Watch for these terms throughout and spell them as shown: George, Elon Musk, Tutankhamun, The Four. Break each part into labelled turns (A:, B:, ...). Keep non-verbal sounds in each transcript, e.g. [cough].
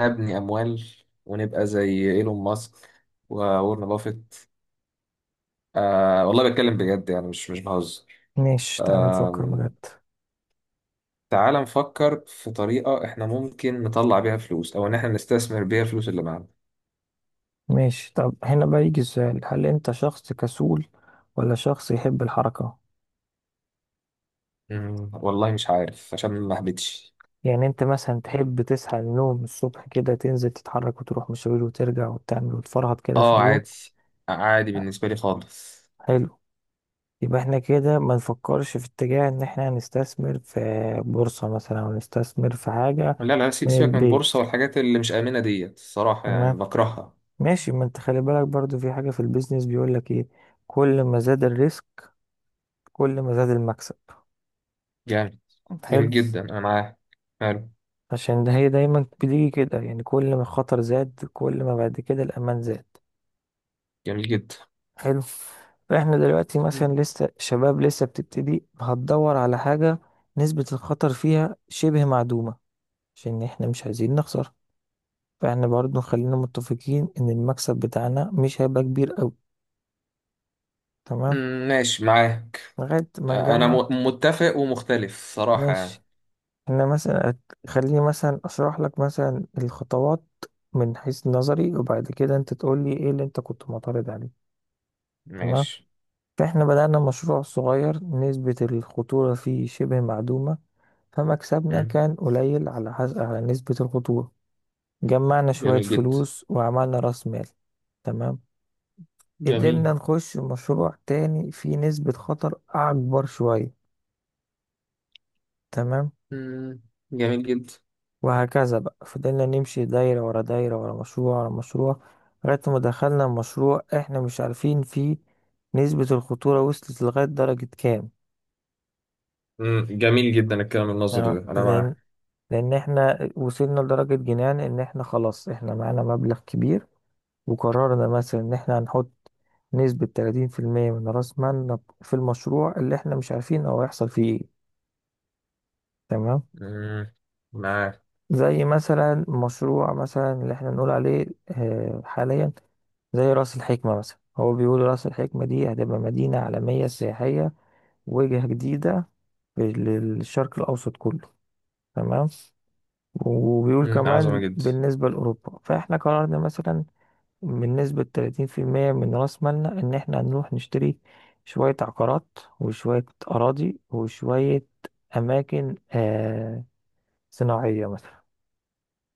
A: هبني أموال ونبقى زي إيلون ماسك وورن بافيت. آه والله بتكلم بجد، يعني مش بهزر.
B: ماشي، تعال نفكر
A: آه.
B: بجد.
A: تعال نفكر في طريقة إحنا ممكن نطلع بيها فلوس، أو إن إحنا نستثمر بيها الفلوس اللي معانا.
B: ماشي، طب هنا بقى يجي السؤال، هل انت شخص كسول ولا شخص يحب الحركة؟
A: والله مش عارف عشان ما أهبطش.
B: يعني انت مثلا تحب تصحى من النوم الصبح كده، تنزل تتحرك وتروح مشاوير وترجع وتعمل وتفرهد كده في
A: آه
B: اليوم؟
A: عادي. آه، عادي بالنسبة لي خالص.
B: حلو. يبقى احنا كده ما نفكرش في اتجاه ان احنا هنستثمر في بورصة مثلا او نستثمر في حاجة
A: لا لا
B: من
A: سيبك من
B: البيت.
A: البورصة والحاجات اللي مش آمنة ديت، الصراحة يعني
B: تمام.
A: بكرهها.
B: ماشي، ما انت خلي بالك برضو، في حاجة في البيزنس بيقول لك ايه، كل ما زاد الريسك كل ما زاد المكسب.
A: جامد.
B: حلو.
A: جميل جدا أنا معاه. حلو.
B: عشان ده هي دايما بتيجي كده، يعني كل ما الخطر زاد كل ما بعد كده الأمان زاد.
A: جميل جدا.
B: حلو. فاحنا دلوقتي مثلا
A: مم.
B: لسه شباب، لسه بتبتدي هتدور على حاجة نسبة الخطر فيها شبه معدومة، عشان احنا مش عايزين نخسر. فاحنا برضو خلينا متفقين ان المكسب بتاعنا مش هيبقى كبير قوي، تمام،
A: مم، ماشي معاك.
B: لغاية ما
A: انا
B: نجمع.
A: متفق ومختلف صراحة
B: ماشي،
A: يعني.
B: احنا مثلا خليني مثلا اشرح لك مثلا الخطوات من حيث نظري، وبعد كده انت تقول لي ايه اللي انت كنت معترض عليه. تمام.
A: ماشي.
B: فإحنا بدأنا مشروع صغير نسبة الخطورة فيه شبه معدومة، فمكسبنا
A: مم.
B: كان قليل على حسب على نسبة الخطورة. جمعنا شوية
A: جميل جدا.
B: فلوس وعملنا رأس مال. تمام.
A: جميل.
B: قدرنا نخش مشروع تاني فيه نسبة خطر أكبر شوية. تمام.
A: مم. جميل جدا.
B: وهكذا بقى، فضلنا نمشي دايرة ورا دايرة، ورا مشروع ورا مشروع، لغاية ما دخلنا مشروع إحنا مش عارفين فيه نسبة الخطورة وصلت لغاية درجة كام.
A: مم. جميل جدا الكلام
B: تمام؟
A: النظري ده انا
B: لأن،
A: معاه.
B: لان احنا وصلنا لدرجة جنان ان احنا خلاص احنا معانا مبلغ كبير، وقررنا مثلا ان احنا هنحط نسبة 30% من راس مالنا في المشروع اللي احنا مش عارفين هو هيحصل فيه ايه. تمام.
A: مم. معاه.
B: زي مثلا مشروع مثلا اللي احنا نقول عليه حاليا، زي راس الحكمة مثلا. هو بيقول راس الحكمة دي هتبقى مدينة عالمية سياحية، وجهة جديدة للشرق الأوسط كله، تمام، وبيقول
A: مم. عظمة
B: كمان
A: جدا.
B: بالنسبة لأوروبا. فإحنا قررنا مثلا من نسبة 30% من رأس مالنا إن إحنا نروح نشتري شوية عقارات وشوية أراضي وشوية أماكن صناعية مثلا.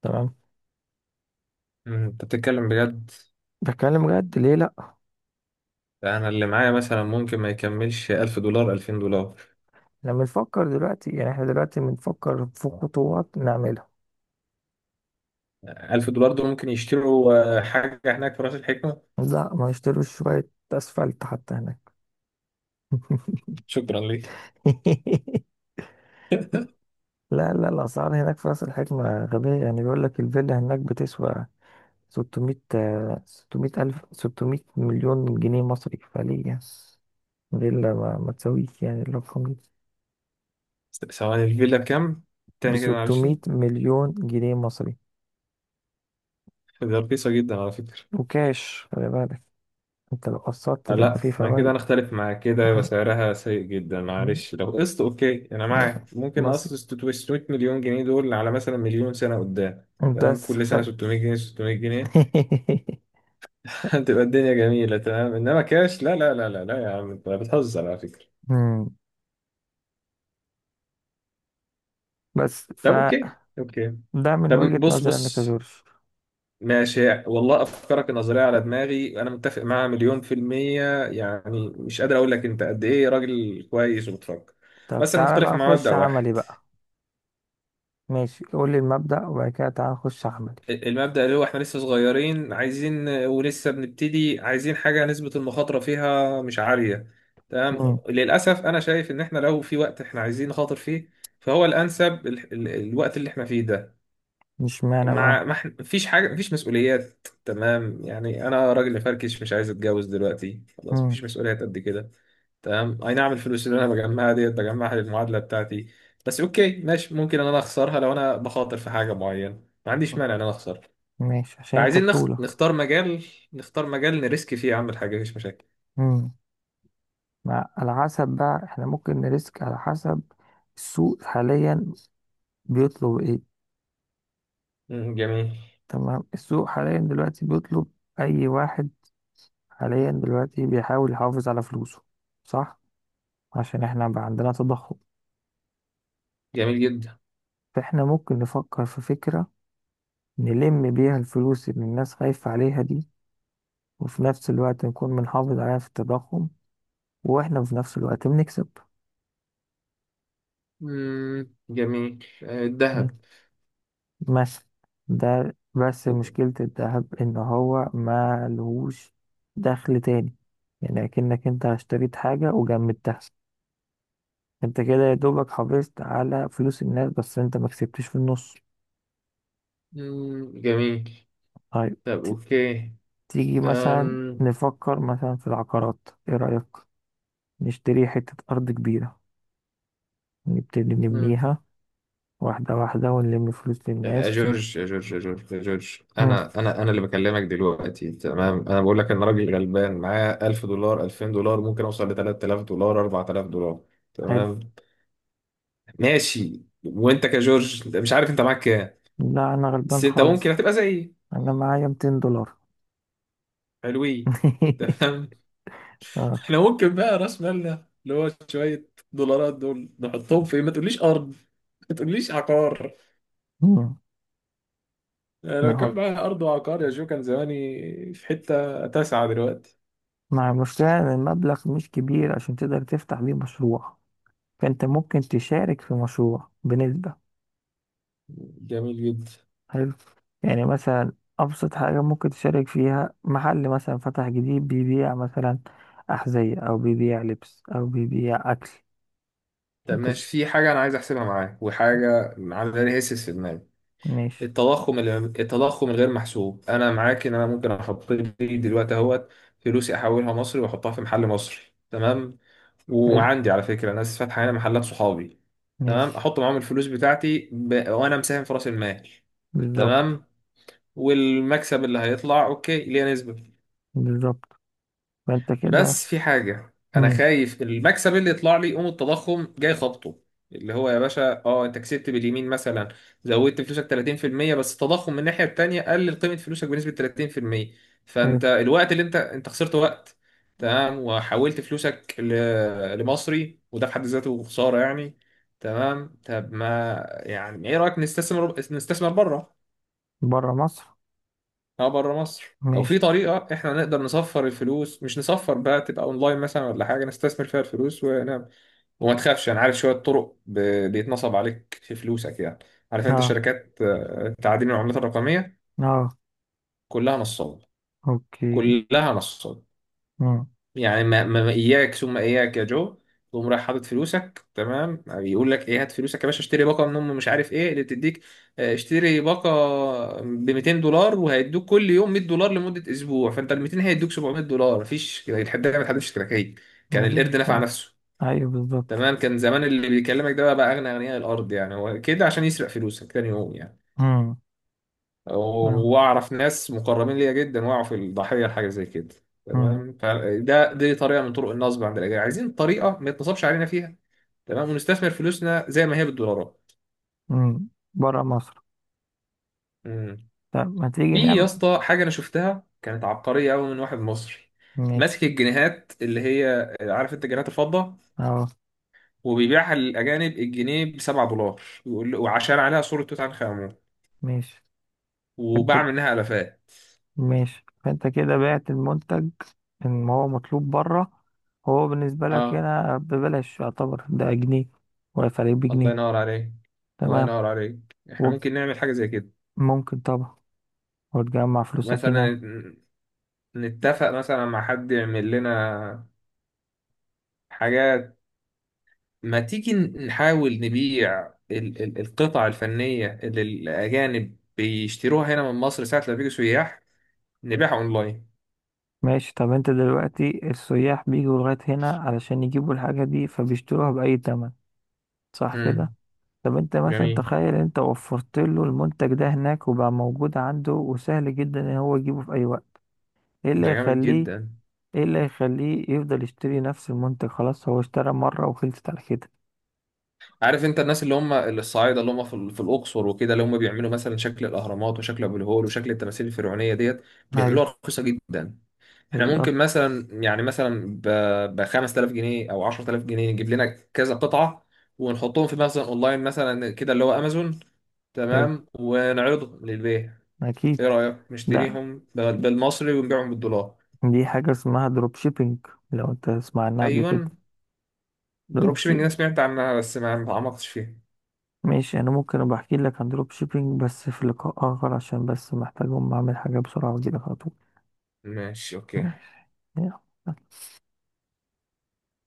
B: تمام.
A: مم. انت بتتكلم بجد.
B: بتكلم بجد، ليه لأ؟
A: انا اللي معايا مثلا ممكن ما يكملش 1000 دولار 2000 دولار.
B: إحنا بنفكر دلوقتي، يعني إحنا دلوقتي بنفكر في خطوات نعملها.
A: 1000 دولار دول ممكن يشتروا آه، حاجة هناك في راس الحكمة.
B: لأ، ما نشتروش شوية أسفلت حتى هناك.
A: شكرا ليك.
B: [laughs]
A: [laughs]
B: لا لا، الأسعار هناك في راس الحكمة غبية. يعني بيقول لك الفيلا هناك بتسوى 600، 600 ألف، 600 مليون جنيه مصري. فليه يعني فيلا ما تسويش يعني الرقم ده
A: ثواني، الفيلا بكام؟
B: ب
A: تاني كده معلش.
B: 600 مليون جنيه مصري
A: ده رخيصة جدا على فكرة.
B: وكاش؟ خلي بالك، انت لو قسطت تبقى
A: لا
B: فيه
A: ما كده انا
B: فوائد.
A: اختلف معاك، كده يبقى
B: آه.
A: سعرها سيء جدا. معلش لو قسط اوكي انا
B: لا،
A: معاك، ممكن
B: بسيط.
A: اقسط 600 مليون جنيه دول على مثلا مليون سنه قدام. تمام،
B: بس
A: كل سنه
B: خ...
A: 600 جنيه 600 جنيه.
B: [laughs]
A: [laughs] هتبقى الدنيا جميله. تمام، انما كاش؟ لا لا لا لا لا، يا عم انت بتهزر على فكره.
B: مم. بس
A: طب اوكي
B: فده
A: اوكي.
B: من
A: طب
B: وجهة
A: بص
B: نظري انا
A: بص
B: كجورج.
A: ماشي، والله افكارك النظريه على دماغي، انا متفق معاها مليون في الميه. يعني مش قادر اقول لك انت قد ايه راجل كويس وبتفكر.
B: طب
A: بس انا
B: تعالى بقى
A: مختلف مع
B: نخش
A: مبدأ
B: عملي
A: واحد.
B: بقى. ماشي، قول لي المبدأ وبعد كده تعالى نخش عملي.
A: المبدأ اللي هو احنا لسه صغيرين، عايزين، ولسه بنبتدي عايزين حاجة نسبة المخاطرة فيها مش عالية. تمام.
B: مم.
A: للأسف أنا شايف إن احنا لو في وقت احنا عايزين نخاطر فيه، فهو الأنسب ال الوقت اللي احنا فيه ده.
B: مش معنى بقى.
A: مع ما احنا- مفيش حاجة، مفيش مسؤوليات. تمام يعني، أنا راجل فركش مش عايز أتجوز دلوقتي، خلاص
B: مم.
A: مفيش مسؤوليات قد كده. تمام، أي نعم الفلوس اللي أنا بجمعها ديت بجمعها للمعادلة بتاعتي. بس أوكي ماشي، ممكن إن أنا أخسرها لو أنا بخاطر في حاجة معينة، ما عنديش مانع إن أنا أخسر.
B: ماشي، عشان انت
A: فعايزين
B: بطولك.
A: نختار مجال. نختار مجال نريسك فيه، اعمل حاجه مفيش مشاكل.
B: امم. مع على حسب بقى، احنا ممكن نريسك على حسب السوق حاليا بيطلب ايه.
A: مم، جميل.
B: تمام، السوق حاليا دلوقتي بيطلب اي واحد حاليا دلوقتي بيحاول يحافظ على فلوسه، صح؟ عشان احنا بقى عندنا تضخم.
A: جميل جدا.
B: فاحنا ممكن نفكر في فكرة نلم بيها الفلوس اللي الناس خايفة عليها دي، وفي نفس الوقت نكون بنحافظ عليها في التضخم، واحنا في نفس الوقت بنكسب.
A: مم، جميل آه، الذهب.
B: مثلا. ده بس مشكلة الذهب، إن هو ما لهوش دخل تاني. يعني أكنك أنت اشتريت حاجة وجمدتها. أنت كده يا دوبك حافظت على فلوس الناس، بس أنت ما كسبتش في النص.
A: مم، جميل.
B: طيب.
A: طب اوكي.
B: تيجي مثلا
A: أم...
B: نفكر مثلا في العقارات، إيه رأيك؟ نشتري حتة أرض كبيرة، نبتدي
A: مم.
B: نبنيها واحدة واحدة ونلم فلوس
A: يا
B: للناس.
A: جورج يا جورج يا جورج يا جورج،
B: مم.
A: انا انا انا اللي بكلمك دلوقتي. تمام، انا بقول لك ان راجل غلبان معاه 1000 دولار 2000 دولار، ممكن اوصل ل 3000 دولار 4000 دولار.
B: حلو.
A: تمام. ماشي، وانت كجورج مش عارف انت معاك كام.
B: لا أنا
A: بس
B: غلبان
A: انت ممكن
B: خالص،
A: هتبقى زيي.
B: أنا معايا 200 دولار.
A: حلوين. تمام.
B: [laughs]
A: احنا ممكن بقى راس مالنا اللي هو شوية دولارات دول نحطهم في، ما تقوليش أرض، ما تقوليش عقار.
B: آه.
A: أنا لو
B: بنحط،
A: كان معايا أرض وعقار يا جو كان زماني في حتة تاسعة دلوقتي.
B: مع المشكلة إن المبلغ مش كبير عشان تقدر تفتح بيه مشروع، فأنت ممكن تشارك في مشروع بنسبة.
A: جميل جدا.
B: حلو. يعني مثلا أبسط حاجة ممكن تشارك فيها، محل مثلا فتح جديد بيبيع مثلا أحذية أو بيبيع لبس أو بيبيع أكل.
A: طب
B: أنت ش-
A: ماشي، في حاجة أنا عايز أحسبها معاك وحاجة عاملة لي هيسس في دماغي.
B: ماشي.
A: التضخم ال- التضخم الغير محسوب. أنا معاك إن أنا ممكن أحط لي دلوقتي أهوت فلوسي أحولها مصري وأحطها في محل مصري. تمام.
B: حلو.
A: وعندي على فكره ناس فاتحه هنا محلات، صحابي. تمام،
B: ماشي.
A: احط معاهم الفلوس بتاعتي وانا مساهم في راس المال.
B: بالظبط.
A: تمام. والمكسب اللي هيطلع اوكي ليه نسبه.
B: بالظبط. فأنت كده.
A: بس في حاجة أنا
B: مم.
A: خايف، المكسب اللي يطلع لي يقوم التضخم جاي خبطه. اللي هو يا باشا، أه أنت كسبت باليمين مثلا، زودت فلوسك 30%، بس التضخم من الناحية التانية قلل قيمة فلوسك بنسبة 30%.
B: حلو.
A: فأنت الوقت اللي أنت خسرت وقت. تمام، وحولت لمصري، وده في حد ذاته خسارة يعني. تمام طب ما، يعني إيه رأيك نستثمر، نستثمر بره.
B: برا مصر.
A: اه بره مصر. لو في
B: ماشي.
A: طريقة احنا نقدر نصفر الفلوس، مش نصفر بقى، تبقى اونلاين مثلا ولا حاجة نستثمر فيها الفلوس ونعمل. وما تخافش انا عارف شوية بيتنصب عليك في فلوسك يعني. عارف انت
B: اه.
A: شركات آه، تعدين العملات الرقمية؟
B: اه.
A: كلها نصاب.
B: اوكي.
A: كلها نصاب.
B: مم.
A: يعني ما اياك ثم اياك يا جو، تقوم رايح حاطط فلوسك، تمام، بيقول لك ايه هات فلوسك يا باشا اشتري باقه من ام مش عارف ايه اللي بتديك آه، اشتري باقه ب 200 دولار وهيدوك كل يوم 100 دولار لمده اسبوع، فانت ال 200 هيدوك 700 دولار. مفيش الحد ده، ما اتحدش كراكيب، كان
B: مفيش
A: القرد نفع
B: الكلام.
A: نفسه.
B: ايوه بالظبط.
A: تمام، كان زمان اللي بيكلمك ده بقى اغنى اغنياء الارض يعني، هو كده عشان يسرق فلوسك تاني يوم يعني.
B: امم. اه.
A: واعرف ناس مقربين ليا جدا وقعوا في الضحيه لحاجه زي كده.
B: امم.
A: تمام، فده دي طريقه من طرق النصب عند الاجانب، عايزين طريقه ما يتنصبش علينا فيها. تمام، ونستثمر فلوسنا زي ما هي بالدولارات.
B: امم، بره مصر.
A: امم.
B: طب ما تيجي
A: في يا
B: نعمل.
A: اسطى حاجه انا شفتها كانت عبقريه قوي من واحد مصري. ماسك
B: ماشي.
A: الجنيهات اللي هي عارف انت جنيهات الفضه،
B: اهو.
A: وبيبيعها للاجانب الجنيه ب 7 دولار وعشان عليها صوره توت عنخ امون،
B: ماشي. انت.
A: وباع منها الافات.
B: ماشي. فانت كده بعت المنتج ان هو مطلوب بره، هو بالنسبة لك
A: اه.
B: هنا ببلاش، يعتبر ده جنيه وفرق
A: الله
B: بجنيه.
A: ينور عليك. الله
B: تمام.
A: ينور عليك. احنا ممكن نعمل حاجه زي كده.
B: وممكن طبعا، وتجمع فلوسك هناك.
A: مثلا نتفق مثلا مع حد يعمل لنا حاجات. ما تيجي نحاول نبيع القطع الفنية اللي الأجانب بيشتروها هنا من مصر ساعة لما بيجوا سياح، نبيعها أونلاين.
B: ماشي. طب انت دلوقتي السياح بيجوا لغاية هنا علشان يجيبوا الحاجة دي، فبيشتروها بأي تمن، صح كده؟
A: امم.
B: طب انت مثلا
A: جميل.
B: تخيل انت وفرت له المنتج ده هناك وبقى موجود عنده وسهل جدا ان هو يجيبه في اي وقت، ايه اللي
A: ده جامد
B: يخليه،
A: جدا.
B: ايه اللي يخليه يفضل يشتري نفس المنتج؟ خلاص هو اشترى مرة وخلصت على كده.
A: عارف انت الناس اللي هم الصعايدة اللي هم في في الأقصر وكده، اللي هم بيعملوا مثلا شكل الأهرامات وشكل أبو الهول وشكل التماثيل الفرعونية ديت،
B: ايوه،
A: بيعملوها رخيصة جدا. احنا
B: بالظبط.
A: ممكن مثلا، يعني مثلا ب 5000 جنيه او 10000 جنيه نجيب لنا كذا قطعة، ونحطهم في مثلا اونلاين مثلا كده اللي هو امازون.
B: حلو.
A: تمام، ونعرضهم للبيع. ايه
B: اكيد.
A: رأيك
B: لا،
A: نشتريهم بالمصري ونبيعهم بالدولار.
B: دي حاجة اسمها دروب شيبينج، لو انت تسمع عنها قبل كده.
A: ايوه، دروب
B: دروب
A: شيبنج انا
B: شيبينج.
A: سمعت عنها بس ما تعمقتش فيها.
B: ماشي، انا ممكن ابقى احكي لك عن دروب شيبينج بس في لقاء اخر، عشان بس محتاج اقوم اعمل حاجة بسرعة واجيلك على طول.
A: ماشي اوكي.
B: ماشي. يلا.